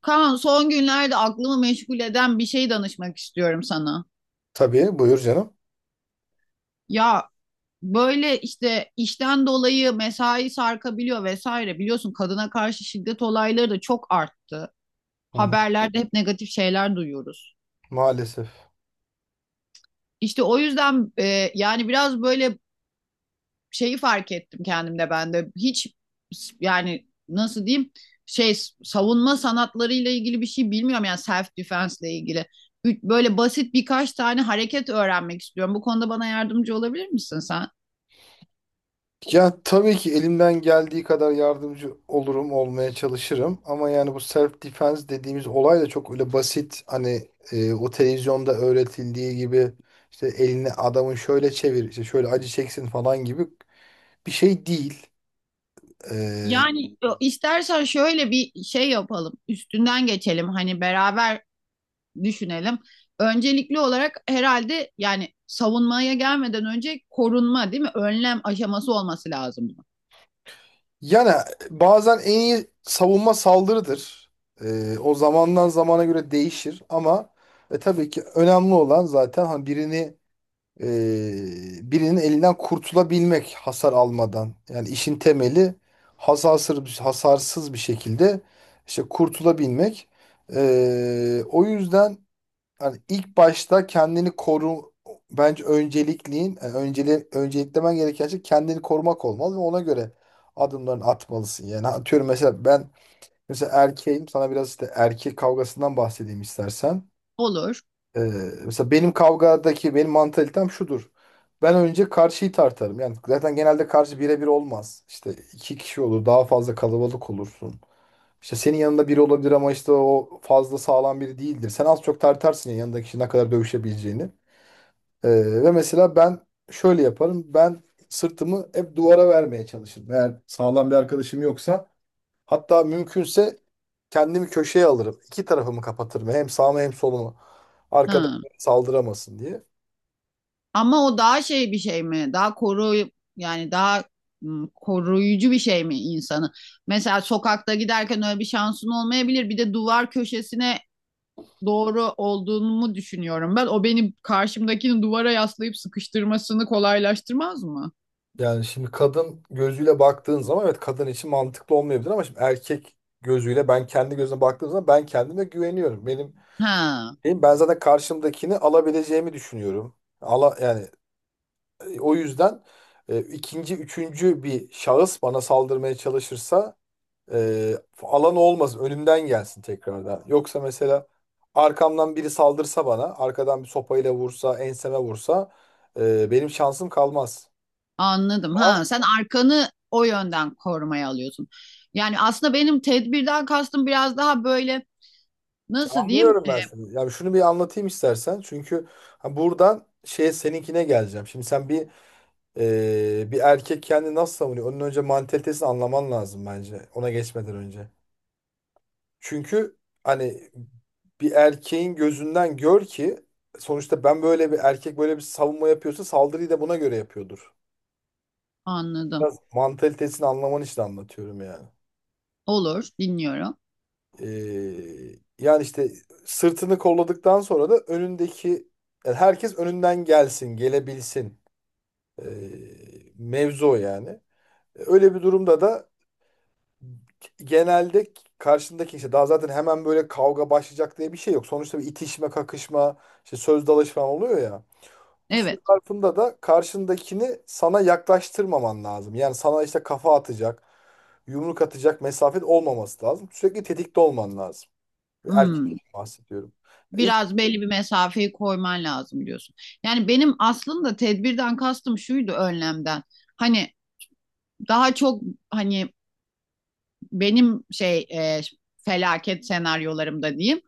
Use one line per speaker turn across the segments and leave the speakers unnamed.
Kaan, son günlerde aklımı meşgul eden bir şey danışmak istiyorum sana.
Tabii buyur canım.
Ya böyle işte işten dolayı mesai sarkabiliyor vesaire. Biliyorsun kadına karşı şiddet olayları da çok arttı.
Hı hı.
Haberlerde hep negatif şeyler duyuyoruz.
Maalesef.
İşte o yüzden yani biraz böyle şeyi fark ettim kendimde ben de. Hiç yani nasıl diyeyim şey savunma sanatlarıyla ilgili bir şey bilmiyorum, yani self defense ile ilgili. Böyle basit birkaç tane hareket öğrenmek istiyorum. Bu konuda bana yardımcı olabilir misin sen?
Ya tabii ki elimden geldiği kadar yardımcı olurum, olmaya çalışırım. Ama yani bu self defense dediğimiz olay da çok öyle basit. Hani o televizyonda öğretildiği gibi işte elini adamın şöyle çevir, işte şöyle acı çeksin falan gibi bir şey değil. Ee,
Yani istersen şöyle bir şey yapalım. Üstünden geçelim. Hani beraber düşünelim. Öncelikli olarak herhalde yani savunmaya gelmeden önce korunma, değil mi? Önlem aşaması olması lazım bunun.
Yani bazen en iyi savunma saldırıdır. O zamandan zamana göre değişir ama tabii ki önemli olan zaten hani birinin elinden kurtulabilmek hasar almadan. Yani işin temeli hasarsız bir şekilde işte kurtulabilmek. O yüzden hani ilk başta kendini koru bence öncelikliğin yani önceliklemen gereken şey kendini korumak olmalı ve ona göre adımlarını atmalısın. Yani atıyorum mesela ben mesela erkeğim, sana biraz işte erkek kavgasından bahsedeyim istersen.
Olur.
Ee, Mesela benim kavgadaki benim mantalitem şudur. Ben önce karşıyı tartarım. Yani zaten genelde karşı birebir olmaz. İşte iki kişi olur, daha fazla kalabalık olursun. İşte senin yanında biri olabilir ama işte o fazla sağlam biri değildir. Sen az çok tartarsın ya yanındaki kişi ne kadar dövüşebileceğini. Ve mesela ben şöyle yaparım. Ben sırtımı hep duvara vermeye çalışırım. Eğer sağlam bir arkadaşım yoksa, hatta mümkünse, kendimi köşeye alırım. İki tarafımı kapatırım. Hem sağımı hem solumu. Arkadan
Hı.
saldıramasın diye.
Ama o daha şey bir şey mi? Daha koru yani daha koruyucu bir şey mi insanı? Mesela sokakta giderken öyle bir şansın olmayabilir. Bir de duvar köşesine doğru olduğumu düşünüyorum ben. O beni karşımdakini duvara yaslayıp sıkıştırmasını kolaylaştırmaz mı?
Yani şimdi kadın gözüyle baktığın zaman evet kadın için mantıklı olmayabilir ama şimdi erkek gözüyle ben kendi gözüme baktığım zaman ben kendime güveniyorum. Benim,
Ha,
benim ben zaten karşımdakini alabileceğimi düşünüyorum. Yani o yüzden ikinci, üçüncü bir şahıs bana saldırmaya çalışırsa Ee, alan olmasın. Önümden gelsin tekrardan. Yoksa mesela arkamdan biri saldırsa bana, arkadan bir sopayla vursa, enseme vursa, benim şansım kalmaz.
anladım.
Ama
Ha, sen arkanı o yönden korumaya alıyorsun. Yani aslında benim tedbirden kastım biraz daha böyle nasıl diyeyim?
anlıyorum ben seni. Ya şunu bir anlatayım istersen. Çünkü ha, buradan şey seninkine geleceğim. Şimdi bir erkek kendini nasıl savunuyor? Onun önce mantalitesini anlaman lazım bence. Ona geçmeden önce. Çünkü hani bir erkeğin gözünden gör ki sonuçta ben böyle, bir erkek böyle bir savunma yapıyorsa saldırıyı da buna göre yapıyordur.
Anladım.
Biraz mantalitesini anlaman için anlatıyorum yani.
Olur, dinliyorum.
Yani işte sırtını kolladıktan sonra da önündeki, yani herkes önünden gelsin, gelebilsin. Ee, Mevzu o yani. Öyle bir durumda da genelde karşındaki işte, daha zaten hemen böyle kavga başlayacak diye bir şey yok. Sonuçta bir itişme, kakışma, işte söz dalaşı falan oluyor ya. Bu süre
Evet.
zarfında da karşındakini sana yaklaştırmaman lazım. Yani sana işte kafa atacak, yumruk atacak mesafet olmaması lazım. Sürekli tetikte olman lazım. Bir erkek
Hmm.
için bahsediyorum. İlk
Biraz belli bir mesafeyi koyman lazım diyorsun. Yani benim aslında tedbirden kastım şuydu, önlemden. Hani daha çok hani benim şey felaket senaryolarımda diyeyim.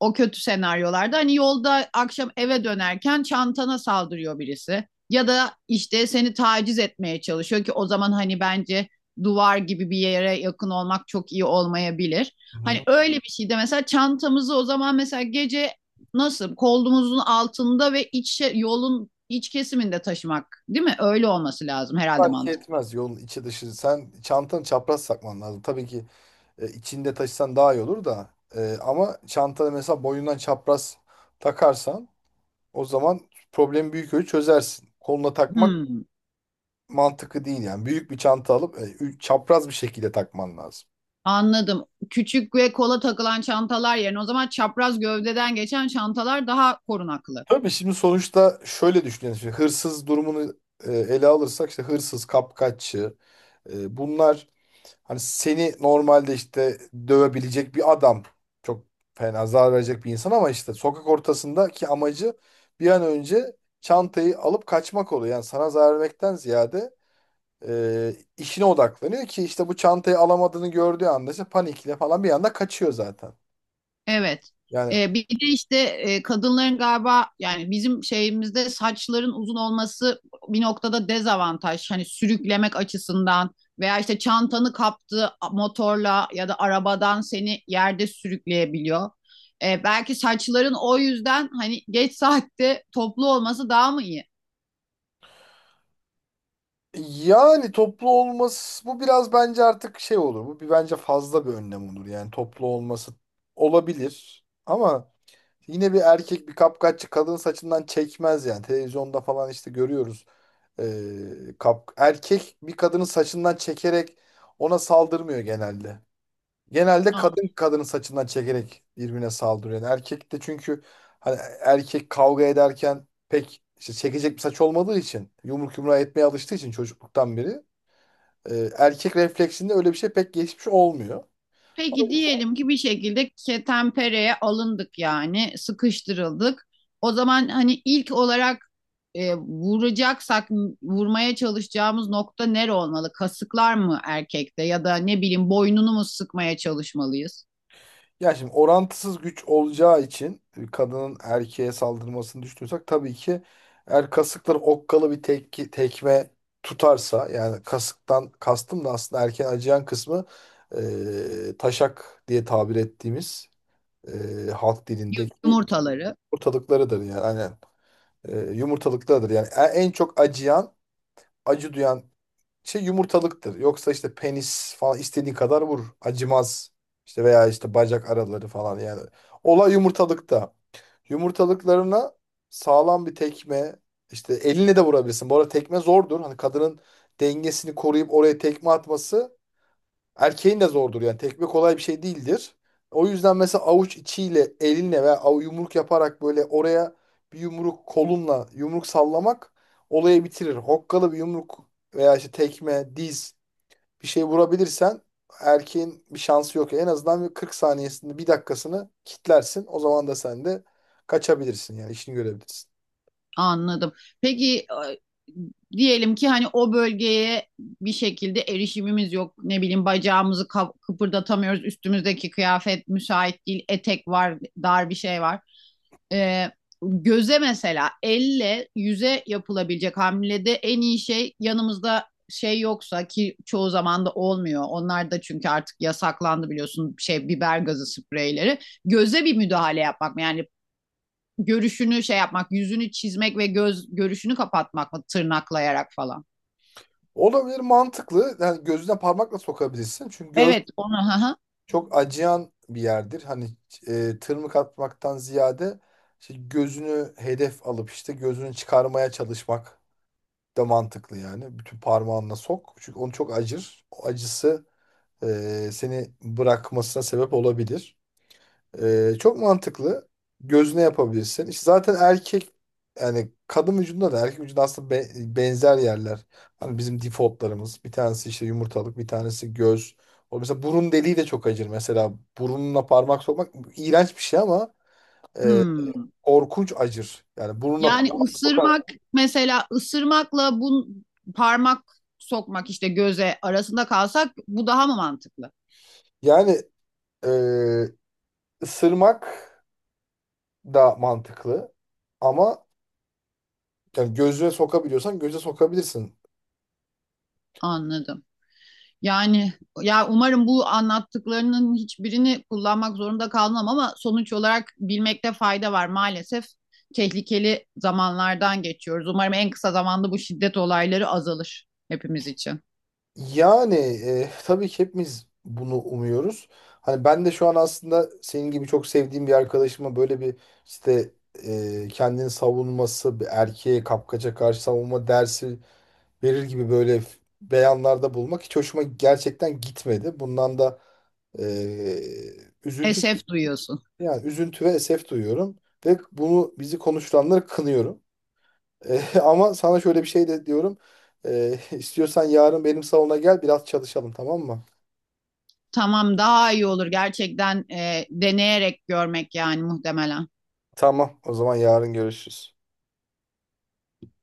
O kötü senaryolarda hani yolda akşam eve dönerken çantana saldırıyor birisi. Ya da işte seni taciz etmeye çalışıyor ki o zaman hani bence duvar gibi bir yere yakın olmak çok iyi olmayabilir.
Hı
Hani
hı.
öyle bir şeyde mesela çantamızı o zaman mesela gece nasıl kolumuzun altında ve iç yolun iç kesiminde taşımak değil mi? Öyle olması lazım herhalde
Fark
mantık.
etmez yolun içi dışı. Sen çantanı çapraz sakman lazım. Tabii ki. İçinde taşısan daha iyi olur da. Ama çantada mesela boyundan çapraz takarsan, o zaman problemi büyük ölçü çözersin. Koluna takmak
Hmm.
mantıklı değil yani. Büyük bir çanta alıp çapraz bir şekilde takman lazım.
Anladım. Küçük ve kola takılan çantalar yerine o zaman çapraz gövdeden geçen çantalar daha korunaklı.
Tabii şimdi sonuçta şöyle düşünelim. Şimdi hırsız durumunu ele alırsak, işte hırsız, kapkaççı, bunlar hani seni normalde işte dövebilecek bir adam, çok fena zarar verecek bir insan, ama işte sokak ortasındaki amacı bir an önce çantayı alıp kaçmak oluyor. Yani sana zarar vermekten ziyade işine odaklanıyor ki işte bu çantayı alamadığını gördüğü anda işte panikle falan bir anda kaçıyor zaten.
Evet.
Yani
Bir de işte kadınların galiba yani bizim şeyimizde saçların uzun olması bir noktada dezavantaj. Hani sürüklemek açısından veya işte çantanı kaptığı motorla ya da arabadan seni yerde sürükleyebiliyor. Belki saçların o yüzden hani geç saatte toplu olması daha mı iyi?
toplu olması bu biraz bence artık şey olur. Bu bence fazla bir önlem olur. Yani toplu olması olabilir ama yine bir erkek, bir kapkaççı, kadın saçından çekmez yani. Televizyonda falan işte görüyoruz. Kap Erkek bir kadının saçından çekerek ona saldırmıyor genelde. Genelde kadın kadının saçından çekerek birbirine saldırıyor. Yani erkek de çünkü hani erkek kavga ederken pek işte çekecek bir saç olmadığı için, yumruk yumruğa etmeye alıştığı için çocukluktan beri, erkek refleksinde öyle bir şey pek geçmiş olmuyor.
Peki diyelim ki bir şekilde ketenpereye alındık, yani sıkıştırıldık. O zaman hani ilk olarak vuracaksak vurmaya çalışacağımız nokta nere olmalı? Kasıklar mı erkekte, ya da ne bileyim boynunu mu sıkmaya çalışmalıyız?
Ya şimdi orantısız güç olacağı için, kadının erkeğe saldırmasını düşünüyorsak, tabii ki eğer kasıkları okkalı bir tekme tutarsa, yani kasıktan kastım da aslında erkeğin acıyan kısmı, taşak diye tabir ettiğimiz, halk dilindeki
Yumurtaları.
yumurtalıklarıdır yani. Aynen. Yumurtalıklarıdır yani. En çok acıyan, acı duyan şey yumurtalıktır. Yoksa işte penis falan istediğin kadar vur. Acımaz. İşte veya işte bacak araları falan yani. Olay yumurtalıkta. Yumurtalıklarına sağlam bir tekme, işte eline de vurabilirsin. Bu arada tekme zordur. Hani kadının dengesini koruyup oraya tekme atması, erkeğin de zordur. Yani tekme kolay bir şey değildir. O yüzden mesela avuç içiyle elinle veya yumruk yaparak böyle oraya bir yumruk, kolunla yumruk sallamak olayı bitirir. Hokkalı bir yumruk veya işte tekme, diz, bir şey vurabilirsen erkeğin bir şansı yok. En azından bir 40 saniyesinde bir dakikasını kitlersin. O zaman da sen de kaçabilirsin, yani işini görebilirsin.
Anladım. Peki diyelim ki hani o bölgeye bir şekilde erişimimiz yok. Ne bileyim bacağımızı kıpırdatamıyoruz. Üstümüzdeki kıyafet müsait değil. Etek var, dar bir şey var. E, göze mesela elle yüze yapılabilecek hamlede en iyi şey yanımızda şey yoksa ki çoğu zaman da olmuyor. Onlar da çünkü artık yasaklandı biliyorsun şey biber gazı spreyleri. Göze bir müdahale yapmak yani görüşünü şey yapmak, yüzünü çizmek ve göz görüşünü kapatmak mı tırnaklayarak falan?
Olabilir, mantıklı. Yani gözüne parmakla sokabilirsin. Çünkü göz
Evet, onu. Hı hı.
çok acıyan bir yerdir. Hani tırmık atmaktan ziyade işte gözünü hedef alıp işte gözünü çıkarmaya çalışmak da mantıklı yani. Bütün parmağınla sok. Çünkü onu çok acır. O acısı seni bırakmasına sebep olabilir. Çok mantıklı. Gözüne yapabilirsin. İşte zaten erkek, yani kadın vücudunda da erkek vücudunda aslında benzer yerler. Hani bizim defaultlarımız. Bir tanesi işte yumurtalık, bir tanesi göz. O mesela burun deliği de çok acır. Mesela burunla parmak sokmak iğrenç bir şey ama e,
Hmm.
korkunç acır. Yani burunla
Yani
parmak sokar.
ısırmak mesela ısırmakla bu parmak sokmak işte göze arasında kalsak bu daha mı mantıklı?
Yani e, ısırmak da mantıklı ama yani gözüne sokabiliyorsan göze sokabilirsin.
Anladım. Yani ya umarım bu anlattıklarının hiçbirini kullanmak zorunda kalmam ama sonuç olarak bilmekte fayda var. Maalesef tehlikeli zamanlardan geçiyoruz. Umarım en kısa zamanda bu şiddet olayları azalır hepimiz için.
Yani tabii ki hepimiz bunu umuyoruz. Hani ben de şu an aslında senin gibi çok sevdiğim bir arkadaşıma böyle bir işte kendini savunması, bir erkeğe kapkaca karşı savunma dersi verir gibi böyle beyanlarda bulmak hiç hoşuma gerçekten gitmedi. Bundan da e, üzüntü
Esef duyuyorsun.
üzüntü ve esef duyuyorum ve bunu bizi konuşturanları kınıyorum. Ama sana şöyle bir şey de diyorum. İstiyorsan yarın benim salona gel, biraz çalışalım, tamam mı?
Tamam, daha iyi olur gerçekten, deneyerek görmek yani muhtemelen.
Tamam, o zaman yarın görüşürüz.